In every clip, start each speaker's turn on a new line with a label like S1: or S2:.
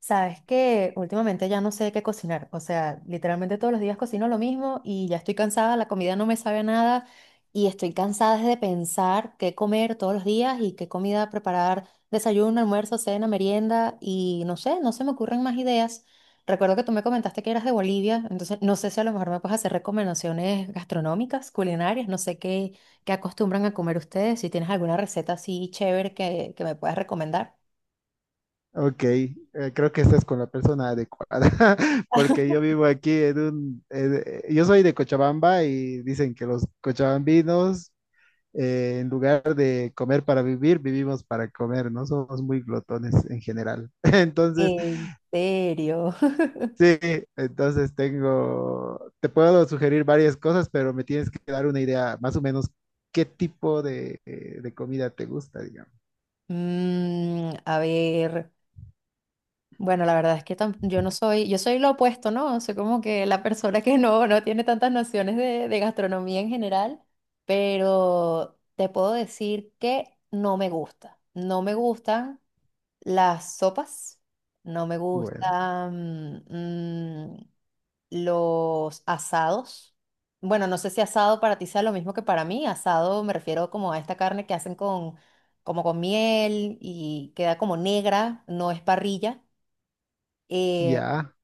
S1: Sabes que últimamente ya no sé qué cocinar, o sea, literalmente todos los días cocino lo mismo y ya estoy cansada, la comida no me sabe a nada y estoy cansada de pensar qué comer todos los días y qué comida preparar, desayuno, almuerzo, cena, merienda y no sé, no se me ocurren más ideas. Recuerdo que tú me comentaste que eras de Bolivia, entonces no sé si a lo mejor me puedes hacer recomendaciones gastronómicas, culinarias, no sé qué, acostumbran a comer ustedes, si tienes alguna receta así chévere que me puedas recomendar.
S2: Ok, creo que estás con la persona adecuada, porque yo vivo aquí en yo soy de Cochabamba y dicen que los cochabambinos, en lugar de comer para vivir, vivimos para comer, no somos muy glotones en general. Entonces,
S1: ¿En serio?
S2: sí, entonces tengo, te puedo sugerir varias cosas, pero me tienes que dar una idea más o menos qué tipo de comida te gusta, digamos.
S1: A ver, bueno, la verdad es que yo no soy, yo soy lo opuesto, ¿no? Soy como que la persona que no tiene tantas nociones de gastronomía en general, pero te puedo decir que no me gusta. No me gustan las sopas, no me
S2: Bueno,
S1: gustan, los asados. Bueno, no sé si asado para ti sea lo mismo que para mí. Asado me refiero como a esta carne que hacen como con miel y queda como negra, no es parrilla. Eh,
S2: ya.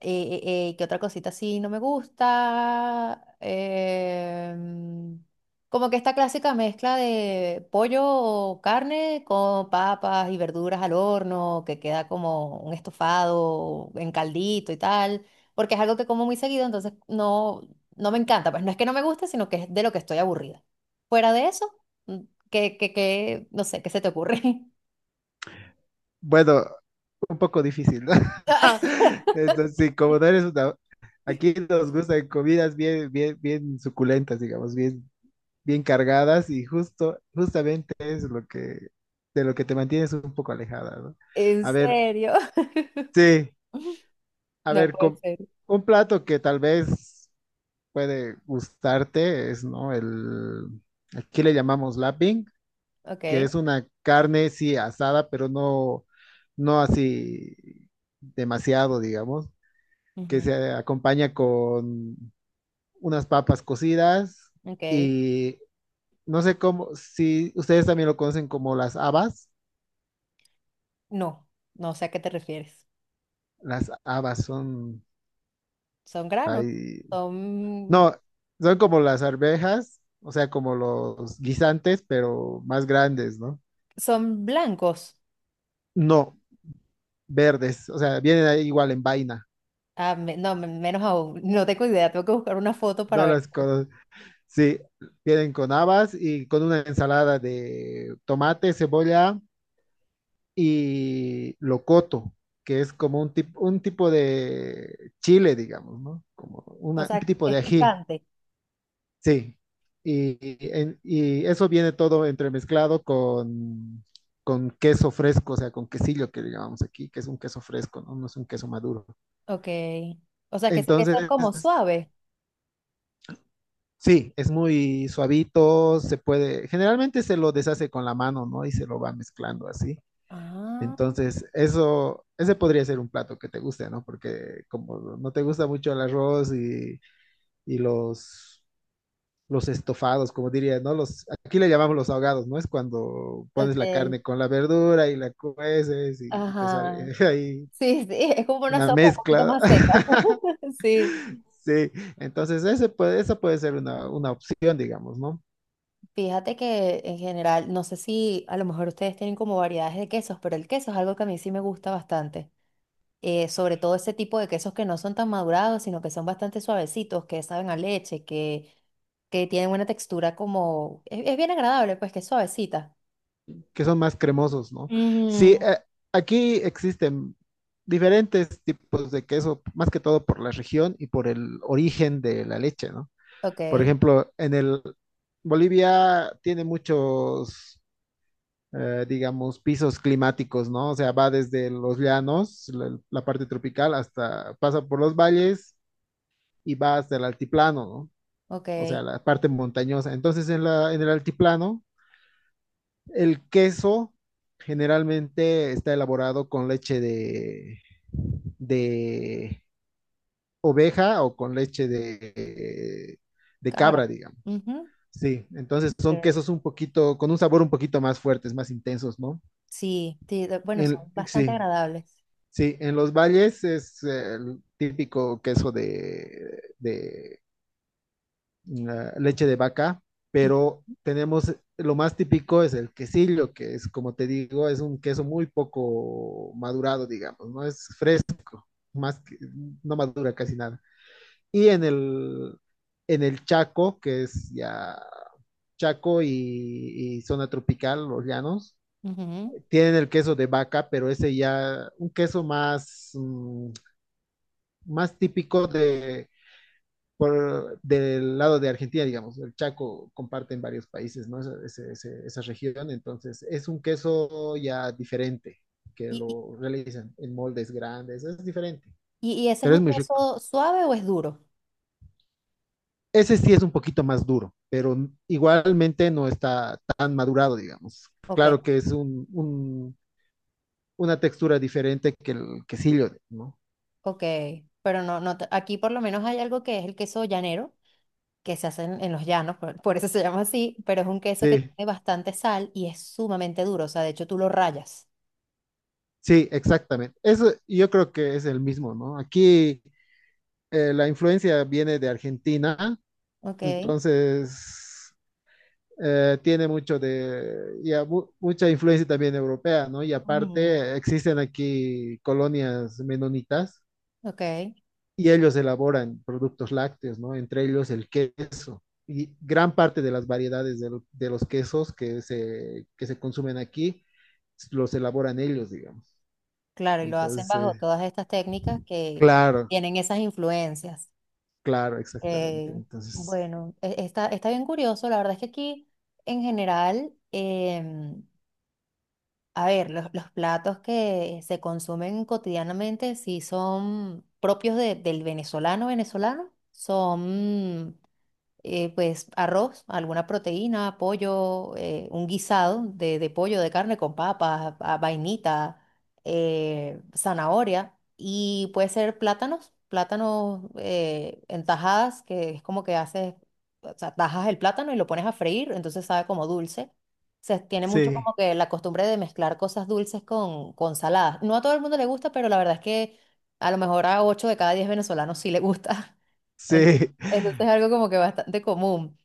S1: ¿Qué otra cosita así no me gusta? Como que esta clásica mezcla de pollo o carne con papas y verduras al horno, que queda como un estofado en caldito y tal, porque es algo que como muy seguido, entonces no, no me encanta. Pues no es que no me guste, sino que es de lo que estoy aburrida. Fuera de eso, mm, no sé, ¿qué se te ocurre?
S2: Bueno, un poco difícil, ¿no? Entonces, sí, como no eres una... Aquí nos gustan comidas bien, bien, bien suculentas, digamos, bien, bien cargadas y justo, justamente es lo que, de lo que te mantienes un poco alejada, ¿no?
S1: ¿En
S2: A ver,
S1: serio?
S2: sí, a
S1: No
S2: ver,
S1: puede ser.
S2: un plato que tal vez puede gustarte es, ¿no? El, aquí le llamamos lapping, que
S1: Ok.
S2: es una carne, sí, asada, pero no, no así demasiado, digamos que
S1: Ujú,
S2: se acompaña con unas papas cocidas
S1: ok.
S2: y no sé cómo, si ustedes también lo conocen como
S1: No, no sé a qué te refieres.
S2: las habas son,
S1: Son granos,
S2: ahí-
S1: son,
S2: no, son como las arvejas, o sea, como los guisantes, pero más grandes, ¿no?
S1: son blancos.
S2: No, verdes, o sea, vienen ahí igual en vaina,
S1: Ah, menos aún. No tengo idea, tengo que buscar una foto para
S2: no
S1: ver.
S2: las cosas, sí, vienen con habas y con una ensalada de tomate, cebolla y locoto, que es como un, un tipo de chile, digamos, ¿no? Como
S1: O
S2: un
S1: sea,
S2: tipo
S1: es
S2: de ají,
S1: picante.
S2: sí. Y, y y eso viene todo entremezclado con queso fresco, o sea, con quesillo que llamamos aquí, que es un queso fresco, ¿no? No es un queso maduro.
S1: Ok. O sea, ese queso es como
S2: Entonces,
S1: suave.
S2: sí, es muy suavito, se puede, generalmente se lo deshace con la mano, ¿no? Y se lo va mezclando así.
S1: Ah,
S2: Entonces, eso, ese podría ser un plato que te guste, ¿no? Porque como no te gusta mucho el arroz y los estofados, como diría, ¿no? Los, aquí le llamamos los ahogados, ¿no? Es cuando pones la
S1: ok.
S2: carne con la verdura y la cueces y te
S1: Ajá.
S2: sale ahí
S1: Sí, sí, es como una
S2: una
S1: sopa un poquito
S2: mezcla.
S1: más seca. Sí.
S2: Sí, entonces ese puede, esa puede ser una opción, digamos, ¿no?
S1: Fíjate que en general, no sé si a lo mejor ustedes tienen como variedades de quesos, pero el queso es algo que a mí sí me gusta bastante. Eh, sobre todo ese tipo de quesos que no son tan madurados, sino que son bastante suavecitos, que saben a leche, que tienen una textura como es bien agradable, pues que es suavecita.
S2: Que son más cremosos, ¿no? Sí,
S1: Mm,
S2: aquí existen diferentes tipos de queso, más que todo por la región y por el origen de la leche, ¿no? Por
S1: ok,
S2: ejemplo, en el Bolivia tiene muchos, digamos, pisos climáticos, ¿no? O sea, va desde los llanos, la parte tropical, hasta pasa por los valles y va hasta el altiplano, ¿no?
S1: ok,
S2: O sea, la parte montañosa. Entonces, en la, en el altiplano el queso generalmente está elaborado con leche de oveja o con leche de
S1: cabra.
S2: cabra, digamos.
S1: Ujú.
S2: Sí, entonces son
S1: Eh,
S2: quesos un poquito, con un sabor un poquito más fuertes, más intensos, ¿no?
S1: Sí, sí, bueno, son bastante
S2: Sí,
S1: agradables.
S2: sí, en los valles es el típico queso de la leche de vaca,
S1: Mm,
S2: pero tenemos lo más típico es el quesillo, que es, como te digo, es un queso muy poco madurado, digamos, no es fresco, más que- no madura casi nada. Y en el Chaco, que es ya Chaco y zona tropical, los llanos,
S1: ujú.
S2: tienen el queso de vaca, pero ese ya, un queso más, mm, más típico de por, del lado de Argentina, digamos, el Chaco comparte en varios países, ¿no? Ese, esa región, entonces es un queso ya diferente, que
S1: ¿Y,
S2: lo realizan en moldes grandes, es diferente,
S1: y ese es
S2: pero
S1: un
S2: es muy rico.
S1: queso suave o es duro?
S2: Ese sí es un poquito más duro, pero igualmente no está tan madurado, digamos.
S1: Ok,
S2: Claro que es un, una textura diferente que el quesillo, ¿no?
S1: ok, pero no, aquí por lo menos hay algo que es el queso llanero, que se hacen en los llanos, por eso se llama así, pero es un queso que
S2: Sí,
S1: tiene bastante sal y es sumamente duro, o sea, de hecho tú lo rayas,
S2: sí, exactamente. Eso yo creo que es el mismo, ¿no? Aquí la influencia viene de Argentina.
S1: ¿ok?
S2: Entonces, tiene mucho de, ya, mucha influencia también europea, ¿no? Y
S1: Ujú.
S2: aparte, existen aquí colonias menonitas
S1: Ok,
S2: y ellos elaboran productos lácteos, ¿no? Entre ellos el queso. Y gran parte de las variedades de los quesos que se consumen aquí los elaboran ellos, digamos.
S1: claro, y lo hacen bajo
S2: Entonces,
S1: todas estas técnicas que
S2: claro,
S1: tienen esas influencias.
S2: claro, exactamente.
S1: Eh,
S2: Entonces,
S1: bueno, está, está bien curioso, la verdad es que aquí en general, a ver, los platos que se consumen cotidianamente, si son propios del venezolano venezolano, son pues arroz, alguna proteína, pollo, un guisado de pollo, de carne con papas, vainita, zanahoria y puede ser plátanos, plátanos en tajadas, que es como que haces, o sea, tajas el plátano y lo pones a freír, entonces sabe como dulce. Se tiene mucho
S2: sí,
S1: como que la costumbre de mezclar cosas dulces con saladas. No a todo el mundo le gusta, pero la verdad es que a lo mejor a 8 de cada 10 venezolanos sí le gusta. En-
S2: sí,
S1: Entonces es algo como que bastante común.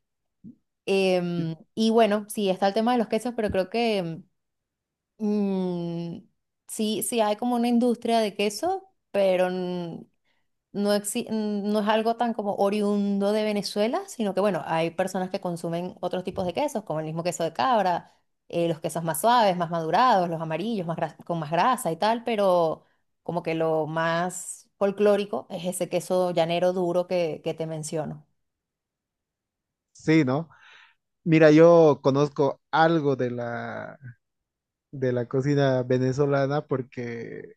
S1: Em, y bueno, sí, está el tema de los quesos, pero creo que mm, sí, sí hay como una industria de queso, pero mm, no es algo tan como oriundo de Venezuela, sino que bueno, hay personas que consumen otros tipos de quesos, como el mismo queso de cabra, los quesos más suaves, más madurados, los amarillos, con más grasa y tal, pero como que lo más folclórico es ese queso llanero duro que te menciono.
S2: sí, ¿no? Mira, yo conozco algo de la cocina venezolana porque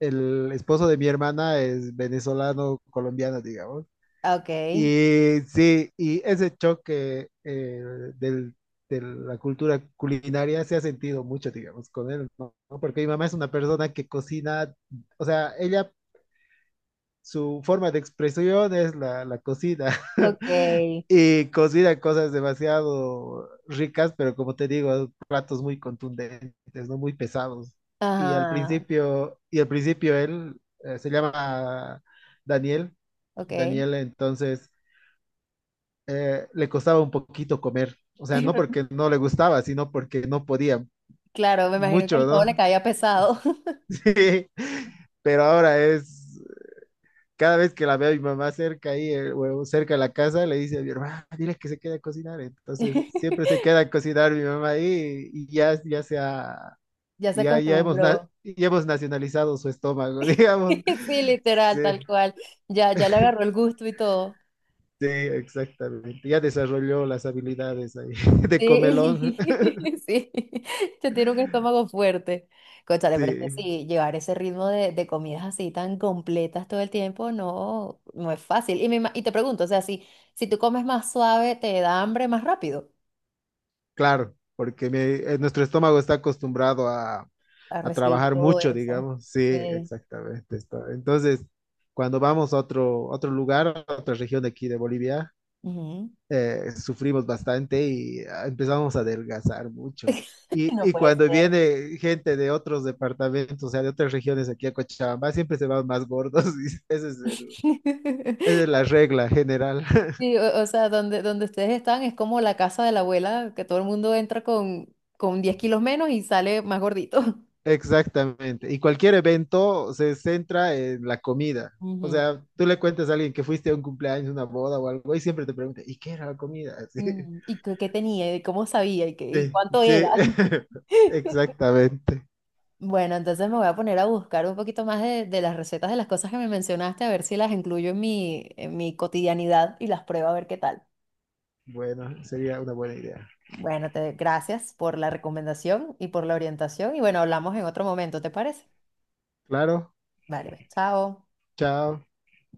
S2: el esposo de mi hermana es venezolano colombiano, digamos.
S1: Okay,
S2: Y sí, y ese choque del- de la cultura culinaria se ha sentido mucho, digamos, con él, ¿no? Porque mi mamá es una persona que cocina, o sea, ella su forma de expresión es la, la cocina.
S1: okay,
S2: Y cocina cosas demasiado ricas, pero como te digo, platos muy contundentes, ¿no? Muy pesados.
S1: ajá,
S2: Y al principio él se llama Daniel.
S1: okay.
S2: Daniel, entonces, le costaba un poquito comer. O sea, no porque no le gustaba, sino porque no podía
S1: Claro, me imagino que
S2: mucho,
S1: el todo le
S2: ¿no?
S1: caía pesado.
S2: Sí. Pero ahora es cada vez que la veo a mi mamá cerca ahí, o cerca de la casa, le dice a mi hermana, dile que se quede a cocinar. Entonces, siempre se queda a cocinar mi mamá ahí y ya, ya se ha,
S1: Ya se
S2: ya, ya hemos,
S1: acostumbró.
S2: ya hemos nacionalizado su estómago, digamos.
S1: Sí, literal,
S2: Sí,
S1: tal cual. Ya, ya le agarró el gusto y todo.
S2: sí, exactamente. Ya desarrolló las habilidades ahí de comelón.
S1: Sí, sí. Ya tiene un estómago fuerte. Cónchale, pero es que
S2: Sí.
S1: sí, llevar ese ritmo de comidas así tan completas todo el tiempo no, no es fácil. Y, y te pregunto, o sea, si, si tú comes más suave, ¿te da hambre más rápido
S2: Claro, porque nuestro estómago está acostumbrado
S1: a
S2: a
S1: recibir
S2: trabajar
S1: todo
S2: mucho,
S1: eso?
S2: digamos. Sí,
S1: Sí.
S2: exactamente. Está. Entonces, cuando vamos a otro, otro lugar, a otra región de aquí de Bolivia,
S1: Ujú.
S2: sufrimos bastante y ah, empezamos a adelgazar mucho.
S1: No
S2: Y
S1: puede ser.
S2: cuando viene gente de otros departamentos, o sea, de otras regiones aquí a Cochabamba, siempre se van más gordos. Y esa es esa es la regla general.
S1: Sí, o sea, donde, donde ustedes están es como la casa de la abuela, que todo el mundo entra con 10 kilos menos y sale más gordito.
S2: Exactamente. Y cualquier evento se centra en la comida. O
S1: Ujú.
S2: sea, tú le cuentas a alguien que fuiste a un cumpleaños, una boda o algo, y siempre te pregunta, ¿y qué era la comida?
S1: Mm, ¿y qué, qué tenía? ¿Y cómo sabía? ¿Y,
S2: Sí,
S1: y
S2: sí,
S1: cuánto era?
S2: sí.
S1: Era.
S2: Exactamente.
S1: Bueno, entonces me voy a poner a buscar un poquito más de las recetas de las cosas que me mencionaste, a ver si las incluyo en mi cotidianidad y las pruebo a ver qué tal.
S2: Bueno, sería una buena idea.
S1: Bueno, te, gracias por la recomendación y por la orientación. Y bueno, hablamos en otro momento, ¿te parece?
S2: Claro,
S1: Vale, pues, chao.
S2: chao.